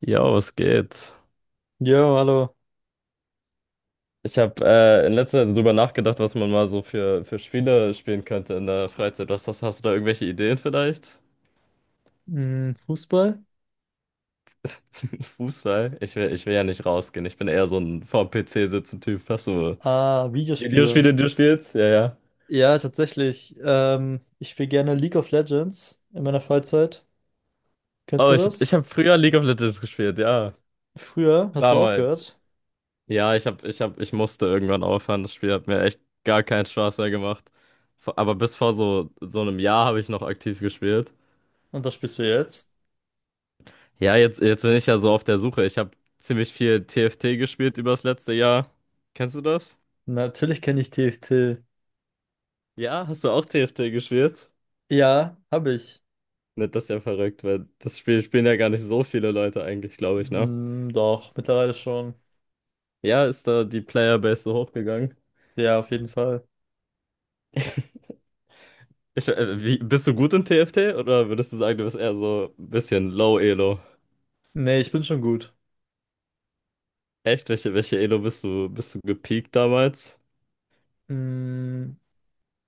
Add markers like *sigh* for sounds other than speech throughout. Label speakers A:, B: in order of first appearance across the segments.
A: Jo, es geht.
B: Jo, hallo.
A: Ich habe in letzter Zeit drüber nachgedacht, was man mal so für Spiele spielen könnte in der Freizeit. Was hast du da irgendwelche Ideen vielleicht?
B: Hm, Fußball?
A: *laughs* Fußball? Ich will ja nicht rausgehen. Ich bin eher so ein vorm PC sitzen Typ. Hast du
B: Ah, Videospiele.
A: Videospiele, die du spielst? Ja.
B: Ja, tatsächlich. Ich spiele gerne League of Legends in meiner Freizeit. Kennst
A: Oh,
B: du
A: ich
B: das?
A: hab früher League of Legends gespielt, ja.
B: Früher hast du
A: Damals.
B: aufgehört
A: Ja, ich hab, ich musste irgendwann aufhören. Das Spiel hat mir echt gar keinen Spaß mehr gemacht. Aber bis vor so einem Jahr habe ich noch aktiv gespielt.
B: und das spielst du jetzt.
A: Ja, jetzt bin ich ja so auf der Suche. Ich habe ziemlich viel TFT gespielt übers letzte Jahr. Kennst du das?
B: Natürlich kenne ich TFT.
A: Ja, hast du auch TFT gespielt?
B: Ja, habe ich.
A: Ne, das ist ja verrückt, weil das Spiel spielen ja gar nicht so viele Leute eigentlich, glaube ich, ne?
B: Hm, doch, mittlerweile schon.
A: Ja, ist da die Playerbase so hochgegangen?
B: Ja, auf jeden Fall.
A: Bist du gut in TFT oder würdest du sagen, du bist eher so ein bisschen low Elo?
B: Nee, ich bin schon gut.
A: Echt? Welche Elo bist du gepiekt damals?
B: Hm,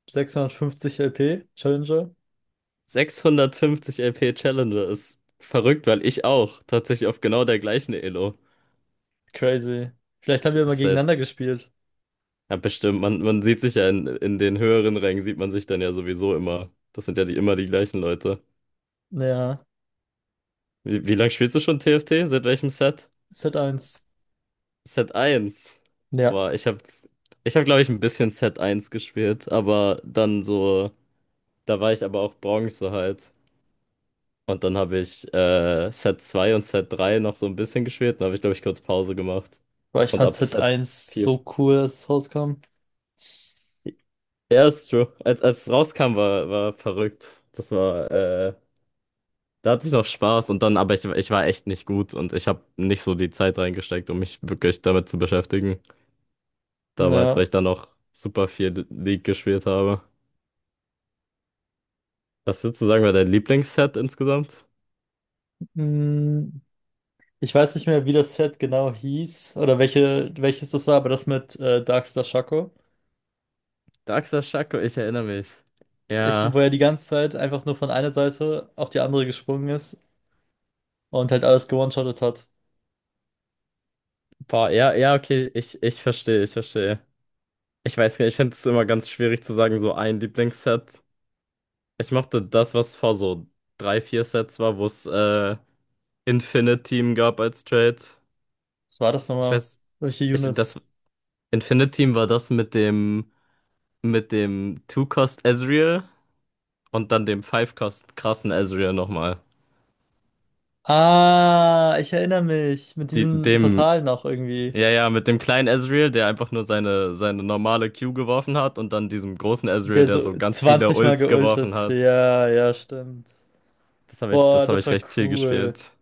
B: 650 LP, Challenger.
A: 650 LP Challenger ist verrückt, weil ich auch tatsächlich auf genau der gleichen Elo.
B: Crazy. Vielleicht haben wir mal
A: Das ist halt.
B: gegeneinander gespielt.
A: Ja, bestimmt. Man sieht sich ja in den höheren Rängen, sieht man sich dann ja sowieso immer. Das sind ja die, immer die gleichen Leute.
B: Ja,
A: Wie lange spielst du schon TFT? Seit welchem Set?
B: z eins.
A: Set eins.
B: Ja.
A: Boah, ich hab, glaube ich, ein bisschen Set eins gespielt, aber dann so, da war ich aber auch Bronze halt. Und dann habe ich Set 2 und Set 3 noch so ein bisschen gespielt. Dann habe ich, glaube ich, kurz Pause gemacht.
B: Boah, ich
A: Und
B: fand
A: ab
B: Hit
A: Set
B: eins
A: vier.
B: so cool, als es rauskam.
A: Ja, ist true. Als es rauskam, war verrückt. Das war. Da hatte ich noch Spaß und dann, aber ich war echt nicht gut und ich habe nicht so die Zeit reingesteckt, um mich wirklich damit zu beschäftigen. Damals, weil
B: Ja.
A: ich dann noch super viel League gespielt habe. Was würdest du sagen, war dein Lieblingsset insgesamt?
B: Mm, Ich weiß nicht mehr, wie das Set genau hieß oder welche, welches das war, aber das mit Darkstar Shaco.
A: Daxa Shaco, ich erinnere mich.
B: Wo
A: Ja,
B: er die ganze Zeit einfach nur von einer Seite auf die andere gesprungen ist und halt alles gewone-shottet hat.
A: boah, ja, ja, okay, ich verstehe, ich verstehe. Ich weiß nicht, ich finde es immer ganz schwierig zu sagen, so ein Lieblingsset. Ich mochte das, was vor so drei, vier Sets war, wo es Infinite Team gab als Trade.
B: Was war das
A: Ich
B: nochmal?
A: weiß,
B: Welche
A: ich, das,
B: Units?
A: Infinite Team war das mit dem Two-Cost Ezreal und dann dem Five-Cost krassen Ezreal nochmal.
B: Ah, ich erinnere mich. Mit
A: Die,
B: diesen
A: dem,
B: Portalen auch irgendwie.
A: ja, ja, mit dem kleinen Ezreal, der einfach nur seine normale Q geworfen hat und dann diesem großen Ezreal,
B: Der
A: der so
B: so
A: ganz viele
B: 20 Mal
A: Ults geworfen
B: geultet.
A: hat.
B: Ja, ja, stimmt. Boah,
A: Das habe
B: das
A: ich
B: war
A: recht viel
B: cool.
A: gespielt.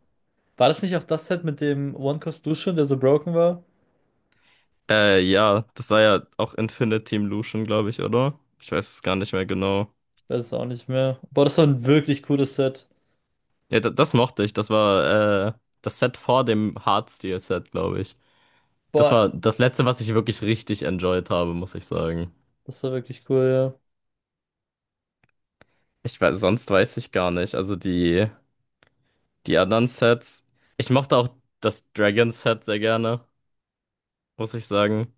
B: War das nicht auch das Set mit dem One Cost Lucian, der so broken war?
A: Ja, das war ja auch Infinite Team Lucian, glaube ich, oder? Ich weiß es gar nicht mehr genau.
B: Ich weiß es auch nicht mehr. Boah, das war ein wirklich cooles Set.
A: Ja, da, das mochte ich. Das war das Set vor dem Hard Steel Set, glaube ich. Das
B: Boah,
A: war das Letzte, was ich wirklich richtig enjoyed habe, muss ich sagen.
B: das war wirklich cool, ja.
A: Ich weiß, sonst weiß ich gar nicht. Also die anderen Sets. Ich mochte auch das Dragon Set sehr gerne, muss ich sagen.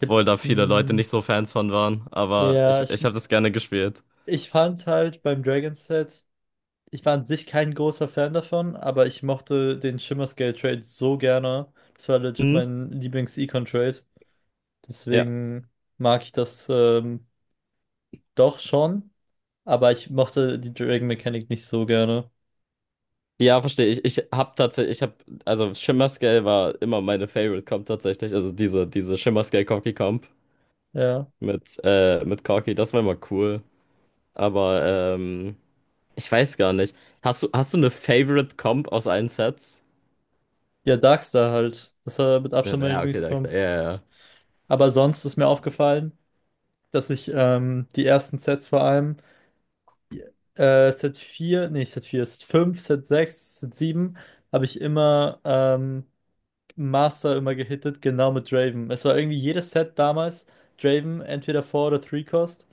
B: Ich,
A: da viele Leute
B: mm,
A: nicht so Fans von waren. Aber
B: ja, ich,
A: ich habe das gerne gespielt.
B: ich fand halt beim Dragon Set, ich war an sich kein großer Fan davon, aber ich mochte den Shimmer Scale Trade so gerne. Das war legit
A: Mhm.
B: mein Lieblings-Econ Trade.
A: Ja.
B: Deswegen mag ich das doch schon, aber ich mochte die Dragon Mechanik nicht so gerne.
A: Ja, verstehe. Ich habe, also Shimmer Scale war immer meine Favorite Comp tatsächlich. Also diese Shimmer Scale Corki Comp
B: Ja.
A: mit Corki, das war immer cool. Aber ich weiß gar nicht. Hast du eine Favorite Comp aus allen Sets?
B: Ja, Darkstar halt. Das war mit
A: Ja,
B: Abstand mein
A: ja, okay, da, ja,
B: Lieblingscomp.
A: ja, ja.
B: Aber sonst ist mir aufgefallen, dass ich die ersten Sets vor allem, Set vier, nee, nicht Set vier, Set fünf, Set sechs, Set 7 habe ich immer Master immer gehittet, genau mit Draven. Es war irgendwie jedes Set damals Draven, entweder 4 oder 3 Cost.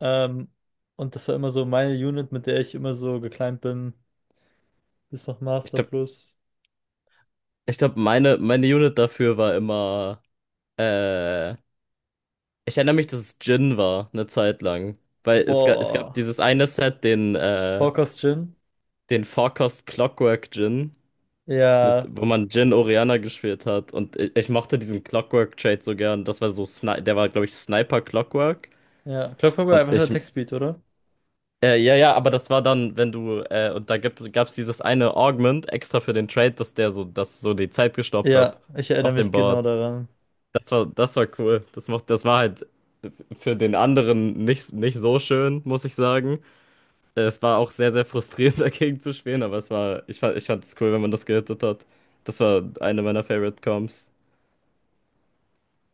B: Ähm, und das war immer so meine Unit, mit der ich immer so geclimbed bin. Bis noch
A: Ich
B: Master
A: glaube,
B: plus.
A: meine Unit dafür war immer. Äh, ich erinnere mich, dass es Jhin war, eine Zeit lang. Weil es gab
B: Boah.
A: dieses eine Set,
B: 4 Cost Jhin.
A: den Forecast Clockwork Jhin, mit,
B: Ja.
A: wo man Jhin Orianna gespielt hat. Und ich mochte diesen Clockwork Trade so gern. Das war so, Sni der war, glaube ich, Sniper Clockwork.
B: Ja, Clockwork war
A: Und
B: einfach der
A: ich,
B: Textbeat, oder?
A: Ja, ja, aber das war dann, wenn du, und da gab's dieses eine Augment extra für den Trade, dass der so, dass so die Zeit gestoppt hat
B: Ja, ich erinnere
A: auf dem
B: mich genau
A: Board.
B: daran.
A: Das war cool. Das war halt für den anderen nicht so schön, muss ich sagen. Es war auch sehr, sehr frustrierend *laughs* dagegen zu spielen, aber es war, ich fand es cool, wenn man das gehittet hat. Das war eine meiner Favorite Comps.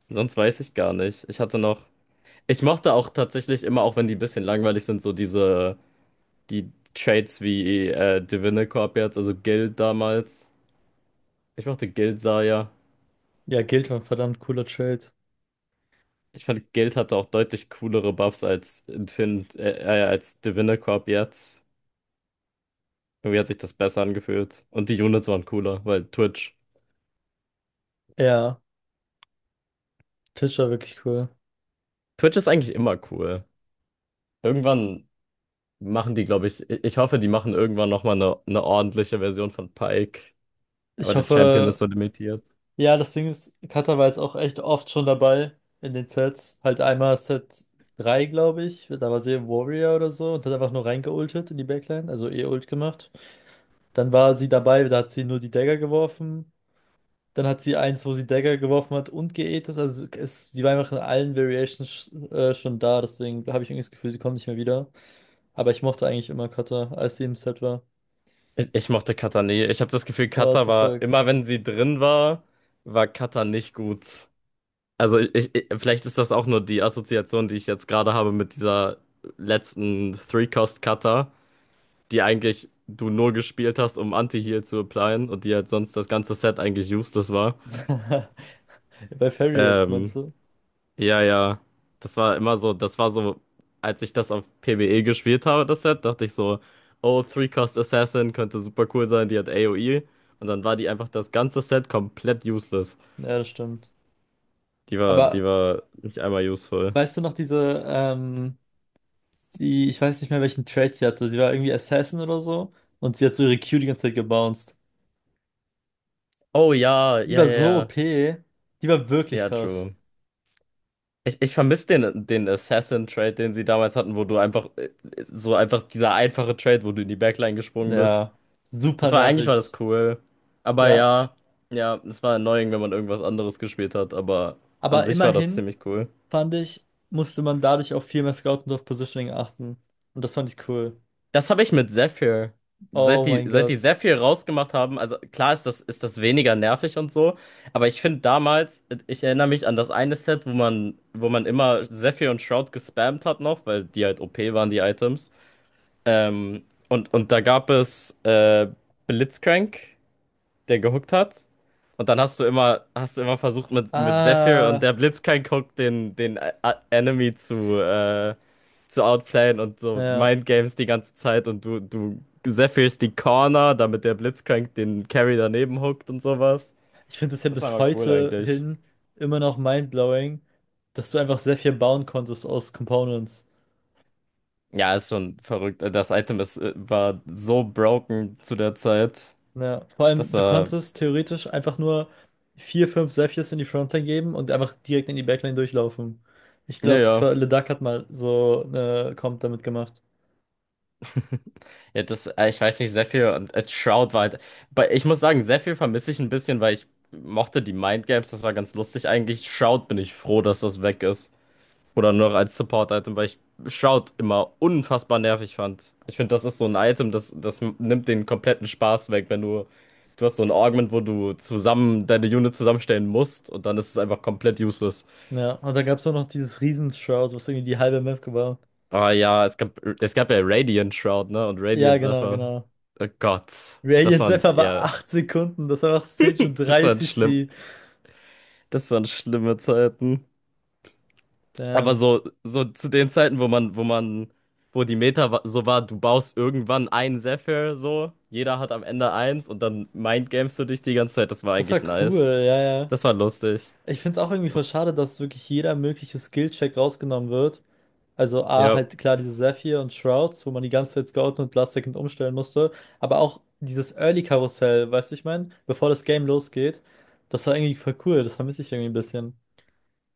A: Sonst weiß ich gar nicht. Ich mochte auch tatsächlich immer, auch wenn die ein bisschen langweilig sind, so diese die Trades wie Divinicorp jetzt, also Guild damals. Ich mochte Guild Zarya.
B: Ja, Guild war ein verdammt cooler Trade.
A: Ich fand, Guild hatte auch deutlich coolere Buffs als Infin als Divinicorp jetzt. Irgendwie hat sich das besser angefühlt. Und die Units waren cooler, weil Twitch.
B: Ja, Tisch war wirklich cool.
A: Twitch ist eigentlich immer cool. Irgendwann machen die, glaube ich, ich hoffe, die machen irgendwann nochmal eine ordentliche Version von Pike. Aber
B: Ich
A: der Champion ist
B: hoffe,
A: so limitiert.
B: ja, das Ding ist, Cutter war jetzt auch echt oft schon dabei in den Sets. Halt einmal Set 3, glaube ich. Da war sie im Warrior oder so und hat einfach nur reingeultet in die Backline, also E-Ult gemacht. Dann war sie dabei, da hat sie nur die Dagger geworfen. Dann hat sie eins, wo sie Dagger geworfen hat und geätet. Also sie war einfach in allen Variations schon da, deswegen habe ich irgendwie das Gefühl, sie kommt nicht mehr wieder. Aber ich mochte eigentlich immer Cutter, als sie im Set war.
A: Ich mochte Katar nie. Ich habe das Gefühl,
B: What
A: Katar
B: the
A: war,
B: fuck?
A: immer wenn sie drin war, war Katar nicht gut. Also vielleicht ist das auch nur die Assoziation, die ich jetzt gerade habe mit dieser letzten Three-Cost-Cutter, die eigentlich du nur gespielt hast, um Anti-Heal zu applyen und die halt sonst das ganze Set eigentlich useless war.
B: *laughs* Bei Fairy jetzt, meinst
A: Ähm,
B: du?
A: ja, ja. Das war immer so, das war so, als ich das auf PvE gespielt habe, das Set, dachte ich so, oh, Three-Cost Assassin könnte super cool sein, die hat AoE. Und dann war die einfach das ganze Set komplett useless.
B: Ja, das stimmt.
A: Die
B: Aber
A: war nicht einmal useful.
B: weißt du noch diese, die, ich weiß nicht mehr, welchen Trait sie hatte. Sie war irgendwie Assassin oder so. Und sie hat so ihre Q die ganze Zeit gebounced.
A: Oh ja,
B: Die
A: ja,
B: war
A: ja,
B: so
A: ja.
B: OP. Die war wirklich
A: Ja,
B: krass.
A: true. Ich vermisse den Assassin-Trade, den sie damals hatten, wo du einfach so einfach dieser einfache Trade, wo du in die Backline gesprungen bist.
B: Ja, super
A: Das war eigentlich war das
B: nervig.
A: cool. Aber
B: Ja,
A: ja, ja, es war annoying, wenn man irgendwas anderes gespielt hat, aber an
B: aber
A: sich war das
B: immerhin
A: ziemlich cool.
B: fand ich, musste man dadurch auf viel mehr Scout und auf Positioning achten. Und das fand ich cool.
A: Das habe ich mit Zephyr.
B: Oh mein
A: Seit die
B: Gott.
A: Zephyr rausgemacht haben, also klar ist ist das weniger nervig und so, aber ich finde damals, ich erinnere mich an das eine Set, wo man immer Zephyr und Shroud gespammt hat noch, weil die halt OP waren, die Items. Ähm, und da gab es Blitzcrank, der gehuckt hat. Und dann hast du immer versucht mit Zephyr und
B: Ah,
A: der Blitzcrank huckt den Enemy zu outplayen und so
B: ja.
A: Mindgames die ganze Zeit und du Zephyrst die Corner, damit der Blitzcrank den Carry daneben huckt und sowas.
B: Ich finde es ja
A: Das war
B: bis
A: mal cool
B: heute
A: eigentlich.
B: hin immer noch mindblowing, dass du einfach sehr viel bauen konntest aus Components.
A: Ja, ist schon verrückt. Das Item war so broken zu der Zeit.
B: Ja, vor
A: Das
B: allem, du
A: war,
B: konntest theoretisch einfach nur vier, fünf Zephyrs in die Frontline geben und einfach direkt in die Backline durchlaufen. Ich glaube, das war,
A: naja.
B: Le Duck hat mal so eine Comp damit gemacht.
A: *laughs* Ja, ich weiß nicht, Zephyr und Shroud war halt. Bei, ich muss sagen, Zephyr vermisse ich ein bisschen, weil ich mochte die Mind Games, das war ganz lustig eigentlich. Shroud bin ich froh, dass das weg ist. Oder nur noch als Support-Item, weil ich Shroud immer unfassbar nervig fand. Ich finde, das ist so ein Item, das nimmt den kompletten Spaß weg, wenn du. Du hast so ein Augment, wo du zusammen deine Unit zusammenstellen musst und dann ist es einfach komplett useless.
B: Ja, und dann gab es auch noch dieses Riesen-Shroud, was irgendwie die halbe Map war.
A: Aber ja, es gab ja Radiant Shroud, ne? Und
B: Ja,
A: Radiant
B: genau,
A: Zephyr.
B: genau.
A: Oh Gott. Das
B: Radiant
A: waren,
B: Zephyr war
A: ja.
B: 8 Sekunden, das war auch Stage und
A: Das waren
B: 30
A: schlimm,
B: die.
A: das waren schlimme Zeiten. Aber
B: Damn.
A: so, so zu den Zeiten, wo die so war, du baust irgendwann einen Zephyr, so, jeder hat am Ende eins und dann mindgamest du dich die ganze Zeit, das war
B: Das war
A: eigentlich
B: cool,
A: nice.
B: ja, ja.
A: Das war lustig.
B: Ich finde es auch irgendwie voll schade, dass wirklich jeder mögliche Skill-Check rausgenommen wird. Also A,
A: Ja,
B: halt klar diese Zephyr und Shrouds, wo man die ganze Zeit scouten und Last Second umstellen musste. Aber auch dieses Early-Karussell, weißt du, ich meine, bevor das Game losgeht. Das war irgendwie voll cool, das vermisse ich irgendwie ein bisschen.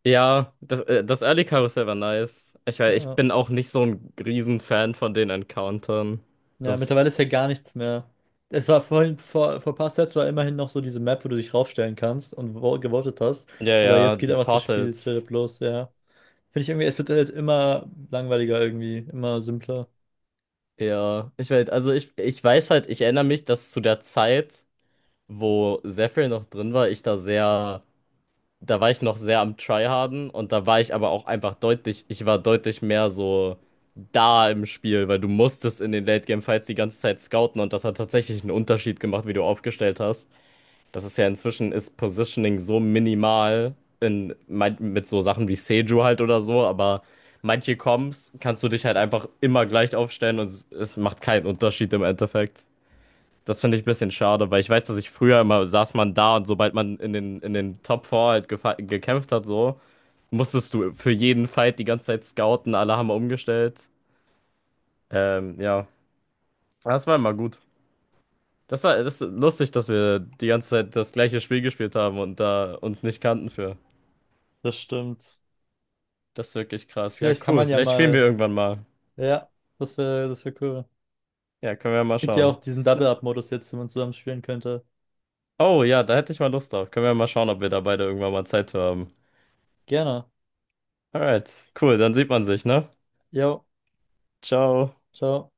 A: ja, das Early Karussell war nice. Ich
B: Ja.
A: bin auch nicht so ein Riesenfan von den Encountern.
B: Ja,
A: Das,
B: mittlerweile ist ja gar nichts mehr. Es war vorhin, vor ein paar Sets war immerhin noch so diese Map, wo du dich raufstellen kannst und wo- gewotet hast.
A: ja,
B: Aber
A: ja,
B: jetzt geht
A: die
B: einfach das Spiel straight
A: Portals.
B: up los, ja. Finde ich irgendwie, es wird halt immer langweiliger irgendwie, immer simpler.
A: Ja, ich weiß, also ich weiß halt, ich erinnere mich, dass zu der Zeit. Wo sehr viel noch drin war, da war ich noch sehr am Tryharden und da war ich aber auch einfach deutlich, ich war deutlich mehr so da im Spiel, weil du musstest in den Late-Game-Fights die ganze Zeit scouten und das hat tatsächlich einen Unterschied gemacht, wie du aufgestellt hast. Das ist ja inzwischen, ist Positioning so minimal mit so Sachen wie Seju halt oder so, aber manche Comps kannst du dich halt einfach immer gleich aufstellen und es macht keinen Unterschied im Endeffekt. Das finde ich ein bisschen schade, weil ich weiß, dass ich früher immer saß man da und sobald man in in den Top 4 halt gekämpft hat, so, musstest du für jeden Fight die ganze Zeit scouten, alle haben umgestellt. Ja, das war immer gut. Das ist lustig, dass wir die ganze Zeit das gleiche Spiel gespielt haben und da uns nicht kannten für.
B: Das stimmt.
A: Das ist wirklich krass. Ja,
B: Vielleicht kann
A: cool.
B: man ja
A: Vielleicht spielen wir
B: mal,
A: irgendwann mal.
B: ja, das wäre cool.
A: Ja, können wir mal
B: Gibt ja auch
A: schauen.
B: diesen
A: Na-
B: Double-Up-Modus jetzt, den man zusammen spielen könnte.
A: Oh ja, da hätte ich mal Lust drauf. Können wir mal schauen, ob wir da beide irgendwann mal Zeit für haben.
B: Gerne.
A: Alright, cool, dann sieht man sich, ne?
B: Jo,
A: Ciao.
B: ciao.